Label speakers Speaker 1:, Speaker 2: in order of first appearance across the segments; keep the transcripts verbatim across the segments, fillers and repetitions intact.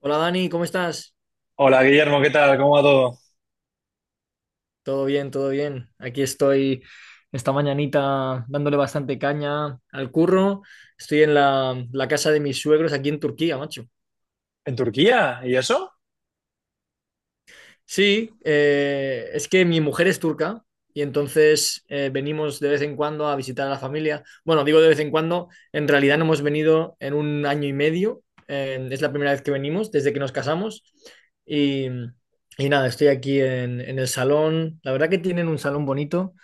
Speaker 1: Hola Dani, ¿cómo estás?
Speaker 2: Hola Guillermo, ¿qué tal? ¿Cómo va todo?
Speaker 1: Todo bien, todo bien. Aquí estoy esta mañanita dándole bastante caña al curro. Estoy en la, la casa de mis suegros aquí en Turquía, macho.
Speaker 2: ¿En Turquía? ¿Y eso?
Speaker 1: Sí, eh, es que mi mujer es turca y entonces eh, venimos de vez en cuando a visitar a la familia. Bueno, digo de vez en cuando, en realidad no hemos venido en un año y medio. Eh, es la primera vez que venimos desde que nos casamos. Y, y nada, estoy aquí en, en el salón. La verdad que tienen un salón bonito.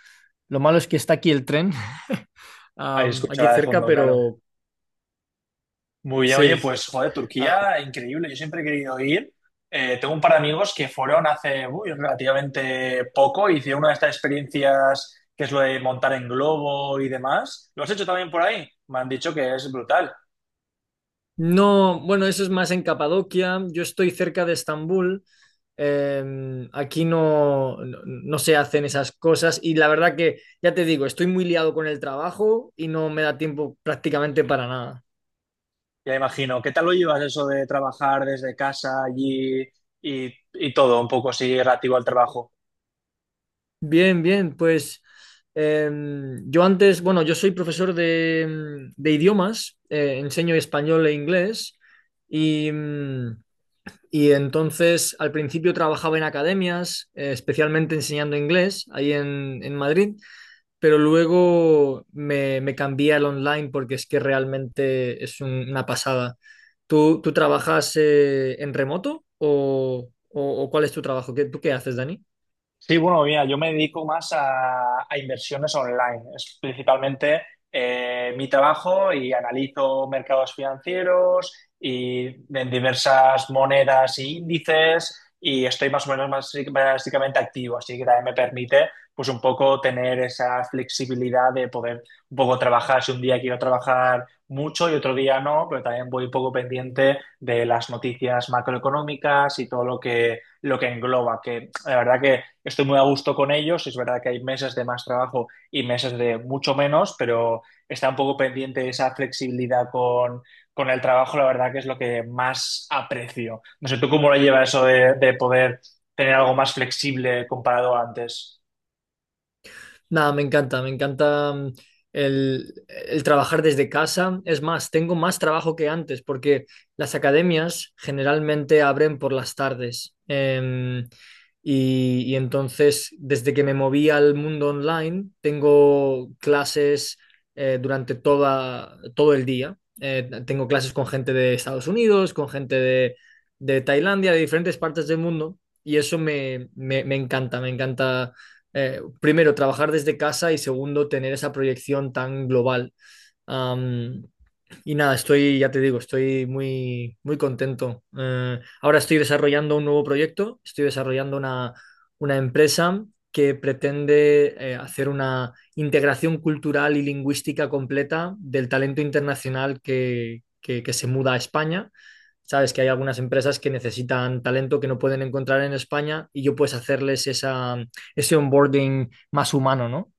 Speaker 1: Lo malo es que está aquí el tren,
Speaker 2: Ahí
Speaker 1: am, aquí
Speaker 2: escuchará de
Speaker 1: cerca,
Speaker 2: fondo, claro.
Speaker 1: pero
Speaker 2: Muy bien, oye,
Speaker 1: sí.
Speaker 2: pues joder,
Speaker 1: Ah,
Speaker 2: Turquía, increíble. Yo siempre he querido ir. Eh, tengo un par de amigos que fueron hace uy, relativamente poco, hicieron una de estas experiencias que es lo de montar en globo y demás. ¿Lo has hecho también por ahí? Me han dicho que es brutal.
Speaker 1: no, bueno, eso es más en Capadocia. Yo estoy cerca de Estambul. Em, aquí no, no, no se hacen esas cosas y la verdad que, ya te digo, estoy muy liado con el trabajo y no me da tiempo prácticamente para nada.
Speaker 2: Ya imagino. ¿Qué tal lo llevas eso de trabajar desde casa allí y, y todo un poco así relativo al trabajo?
Speaker 1: Bien, bien, pues em, yo antes, bueno, yo soy profesor de, de idiomas, eh, enseño español e inglés y... mm, Y entonces al principio trabajaba en academias, eh, especialmente enseñando inglés ahí en, en Madrid, pero luego me, me cambié al online porque es que realmente es un- una pasada. ¿Tú, tú trabajas eh, en remoto o, o- o cuál es tu trabajo? ¿Qué, tú qué haces, Dani?
Speaker 2: Sí, bueno, mira, yo me dedico más a, a inversiones online. Es principalmente eh, mi trabajo y analizo mercados financieros y en diversas monedas e índices y estoy más o menos basi- básicamente activo, así que también me permite pues un poco tener esa flexibilidad de poder un poco trabajar si un día quiero trabajar mucho y otro día no, pero también voy un poco pendiente de las noticias macroeconómicas y todo lo que lo que engloba, que la verdad que estoy muy a gusto con ellos, es verdad que hay meses de más trabajo y meses de mucho menos, pero está un poco pendiente esa flexibilidad con, con el trabajo, la verdad que es lo que más aprecio. No sé, ¿tú cómo lo llevas eso de, de poder tener algo más flexible comparado a antes?
Speaker 1: Nada, me encanta, me encanta mm, el, el trabajar desde casa. Es más, tengo más trabajo que antes porque las academias generalmente abren por las tardes. Em, y, y entonces, desde que me moví al mundo online, tengo clases eh, durante toda, todo el día. Eh, tengo clases con gente de Estados Unidos, con gente de, de Tailandia, de diferentes partes del mundo. Y eso me, me me encanta, me encanta eh, primero, trabajar desde casa y segundo, tener esa proyección tan global. Um, y nada, estoy, ya te digo, estoy muy, muy contento. Eh, ahora estoy desarrollando un nuevo proyecto, estoy desarrollando una, una empresa que pretende eh, hacer una integración cultural y lingüística completa del talento internacional que, que, que se muda a España. Sabes que hay algunas empresas que necesitan talento que no pueden encontrar en España y yo puedes hacerles esa, ese onboarding más humano, ¿no?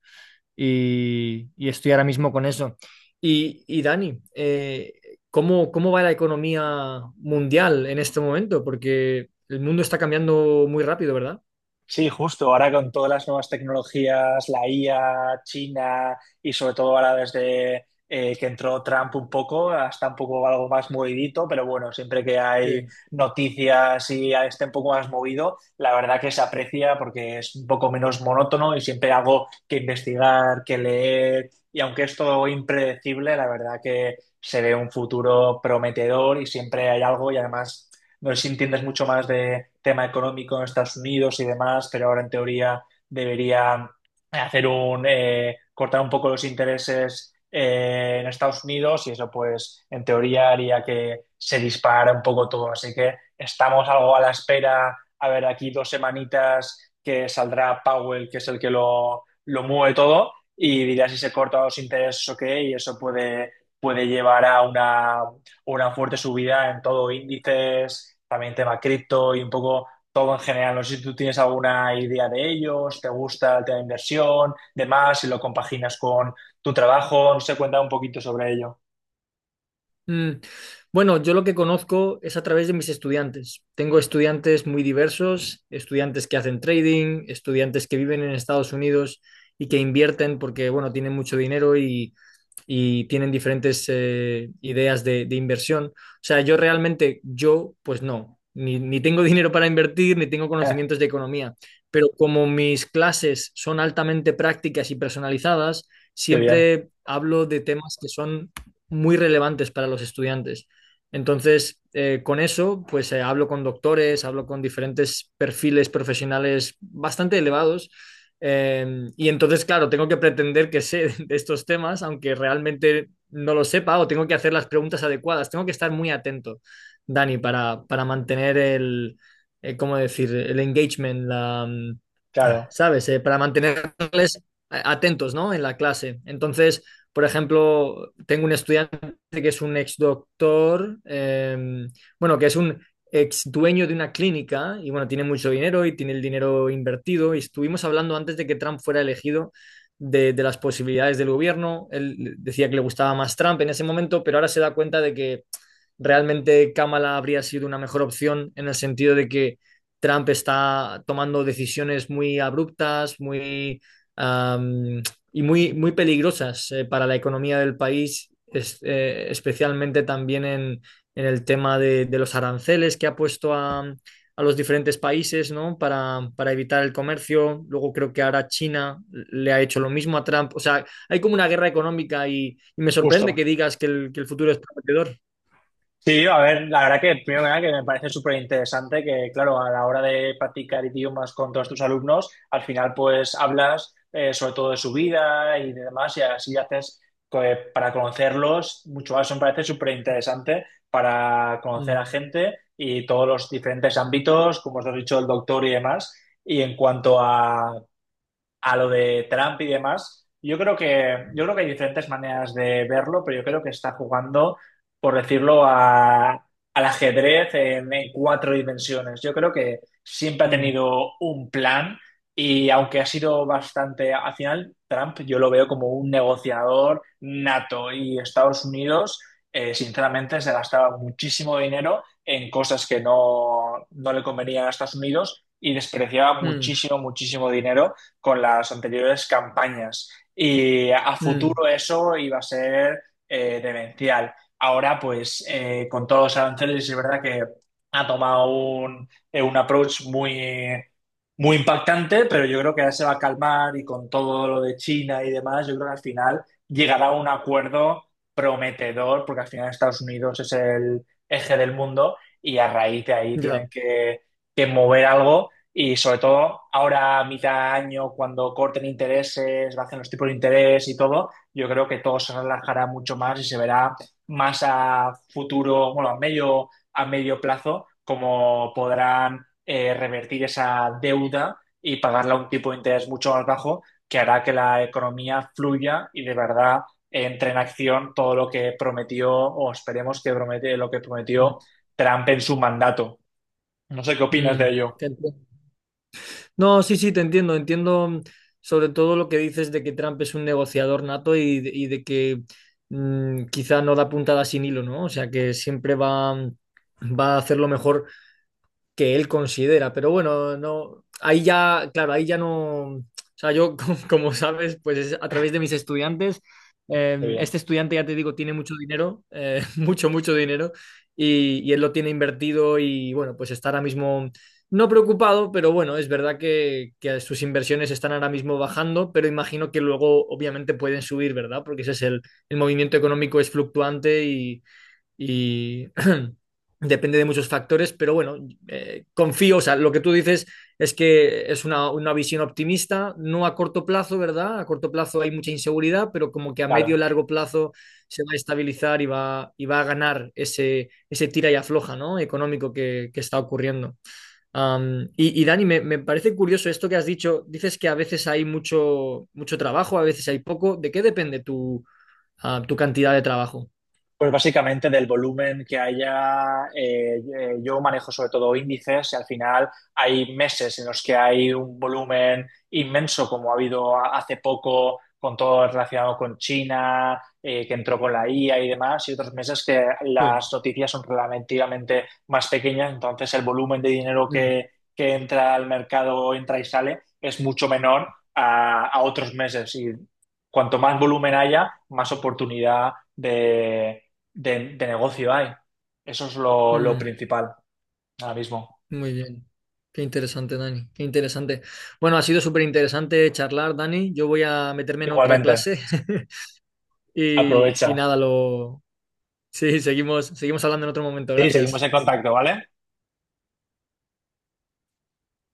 Speaker 1: Y, y estoy ahora mismo con eso. Y, y Dani, eh, ¿cómo, cómo va la economía mundial en este momento? Porque el mundo está cambiando muy rápido, ¿verdad?
Speaker 2: Sí, justo ahora con todas las nuevas tecnologías, la I A, China y sobre todo ahora desde eh, que entró Trump un poco, hasta un poco algo más movidito, pero bueno, siempre que hay
Speaker 1: Sí.
Speaker 2: noticias y esté un poco más movido, la verdad que se aprecia porque es un poco menos monótono y siempre hay algo que investigar, que leer y aunque es todo impredecible, la verdad que se ve un futuro prometedor y siempre hay algo y además... No sé si entiendes mucho más de tema económico en Estados Unidos y demás, pero ahora en teoría debería eh, hacer un eh, cortar un poco los intereses eh, en Estados Unidos y eso pues en teoría haría que se dispara un poco todo. Así que estamos algo a la espera. A ver, aquí dos semanitas que saldrá Powell, que es el que lo, lo mueve todo, y dirá si se cortan los intereses o qué, y eso puede, puede llevar a una una fuerte subida en todo, índices, también tema cripto y un poco todo en general. No sé si tú tienes alguna idea de ellos, te gusta el tema de inversión, demás, si lo compaginas con tu trabajo, no sé, cuenta un poquito sobre ello.
Speaker 1: Mm, Bueno, yo lo que conozco es a través de mis estudiantes. Tengo estudiantes muy diversos, estudiantes que hacen trading, estudiantes que viven en Estados Unidos y que invierten porque, bueno, tienen mucho dinero y, y tienen diferentes eh, ideas de, de inversión. O sea, yo realmente, yo, pues no, ni, ni tengo dinero para invertir, ni tengo
Speaker 2: Eh,
Speaker 1: conocimientos de economía, pero como mis clases son altamente prácticas y personalizadas,
Speaker 2: Qué bien,
Speaker 1: siempre hablo de temas que son muy relevantes para los estudiantes. Entonces, eh, con eso, pues eh, hablo con doctores, hablo con diferentes perfiles profesionales bastante elevados eh, y entonces, claro, tengo que pretender que sé de estos temas, aunque realmente no lo sepa, o tengo que hacer las preguntas adecuadas. Tengo que estar muy atento, Dani, para, para mantener el, eh, ¿cómo decir? El engagement, la, mm,
Speaker 2: claro,
Speaker 1: ¿sabes? Eh, para mantenerles atentos, ¿no? En la clase. Entonces, por ejemplo, tengo un estudiante que es un ex doctor, eh, bueno, que es un ex dueño de una clínica y bueno, tiene mucho dinero y tiene el dinero invertido y estuvimos hablando antes de que Trump fuera elegido de, de las posibilidades del gobierno. Él decía que le gustaba más Trump en ese momento, pero ahora se da cuenta de que realmente Kamala habría sido una mejor opción en el sentido de que Trump está tomando decisiones muy abruptas, muy um, y muy, muy peligrosas eh, para la economía del país, es, eh, especialmente también en, en el tema de, de, los aranceles que ha puesto a, a los diferentes países, ¿no? Para, para evitar el comercio. Luego creo que ahora China le ha hecho lo mismo a Trump. O sea, hay como una guerra económica y, y me sorprende
Speaker 2: justo.
Speaker 1: que digas que el, que el futuro es prometedor.
Speaker 2: Sí, a ver, la verdad que primero que nada que me parece súper interesante que, claro, a la hora de practicar idiomas con todos tus alumnos, al final pues hablas eh, sobre todo de su vida y de demás y así haces co- eh, para conocerlos mucho más. Eso me parece súper interesante para conocer a
Speaker 1: Mm.
Speaker 2: gente y todos los diferentes ámbitos, como os has dicho, el doctor y demás. Y en cuanto a a lo de Trump y demás. Yo creo que, yo creo que hay diferentes maneras de verlo, pero yo creo que está jugando, por decirlo, a, al ajedrez en, en cuatro dimensiones. Yo creo que siempre ha
Speaker 1: Mm,
Speaker 2: tenido un plan y aunque ha sido bastante, al final Trump yo lo veo como un negociador nato y Estados Unidos, eh, sinceramente, se gastaba muchísimo dinero en cosas que no, no le convenían a Estados Unidos y despreciaba
Speaker 1: mm,
Speaker 2: muchísimo, muchísimo dinero con las anteriores campañas. Y a
Speaker 1: mm,
Speaker 2: futuro eso iba a ser eh, demencial. Ahora, pues, eh, con todos los aranceles, es verdad que ha tomado un, eh, un approach muy, muy impactante, pero yo creo que ahora se va a calmar y con todo lo de China y demás, yo creo que al final llegará a un acuerdo prometedor, porque al final Estados Unidos es el eje del mundo y a raíz de ahí tienen
Speaker 1: ya,
Speaker 2: que, que mover algo y sobre todo ahora, a mitad de año, cuando corten intereses, bajen los tipos de interés y todo, yo creo que todo se relajará mucho más y se verá más a futuro, bueno, a medio, a medio plazo, cómo podrán eh, revertir esa deuda y pagarla a un tipo de interés mucho más bajo, que hará que la economía fluya y de verdad entre en acción todo lo que prometió, o esperemos que promete lo que
Speaker 1: mm,
Speaker 2: prometió Trump en su mandato. No sé qué opinas de
Speaker 1: mm,
Speaker 2: ello.
Speaker 1: Te entiendo. No, sí, sí, te entiendo. Entiendo mm, sobre todo lo que dices de que Trump es un negociador nato y, de y de que mm, quizá no da puntada sin hilo, ¿no? O sea, que siempre va, mm, va a hacer lo mejor que él considera, pero bueno, no, ahí ya, claro, ahí ya no, o sea, yo, como como sabes, pues es a través de mis estudiantes,
Speaker 2: Qué
Speaker 1: eh,
Speaker 2: bien.
Speaker 1: este estudiante, ya te digo, tiene mucho dinero, eh, mucho, mucho dinero, y, y él lo tiene invertido y bueno, pues está ahora mismo no preocupado, pero bueno, es verdad que, que sus inversiones están ahora mismo bajando, pero imagino que luego obviamente pueden subir, ¿verdad? Porque ese es el, el movimiento económico es fluctuante y y depende de muchos factores, pero bueno, eh, confío, o sea, lo que tú dices es que es una, una visión optimista, no a corto plazo, ¿verdad? A corto plazo hay mucha inseguridad, pero como que a
Speaker 2: Claro.
Speaker 1: medio largo plazo se va a estabilizar y va, y va a ganar ese, ese tira y afloja, ¿no? Económico que, que está ocurriendo. Am, y, y Dani, me, me parece curioso esto que has dicho, dices que a veces hay mucho, mucho trabajo, a veces hay poco, ¿de qué depende tu, ah, tu cantidad de trabajo?
Speaker 2: Pues básicamente del volumen que haya, eh, eh, yo manejo sobre todo índices y al final hay meses en los que hay un volumen inmenso como ha habido a- hace poco con todo relacionado con China, eh, que entró con la I A y demás, y otros meses que
Speaker 1: Sí.
Speaker 2: las noticias son relativamente más pequeñas, entonces el volumen de dinero
Speaker 1: Mm,
Speaker 2: que, que entra al mercado, entra y sale, es mucho menor a, a otros meses y cuanto más volumen haya, más oportunidad de de, de negocio hay. Eso es lo, lo
Speaker 1: mm.
Speaker 2: principal ahora mismo.
Speaker 1: Muy bien. Qué interesante, Dani. Qué interesante. Bueno, ha sido súper interesante charlar, Dani. Yo voy a meterme en otra
Speaker 2: Igualmente,
Speaker 1: clase y, y
Speaker 2: aprovecha.
Speaker 1: nada, lo... Sí, seguimos, seguimos hablando en otro momento.
Speaker 2: Sí, seguimos
Speaker 1: Gracias.
Speaker 2: en contacto, ¿vale?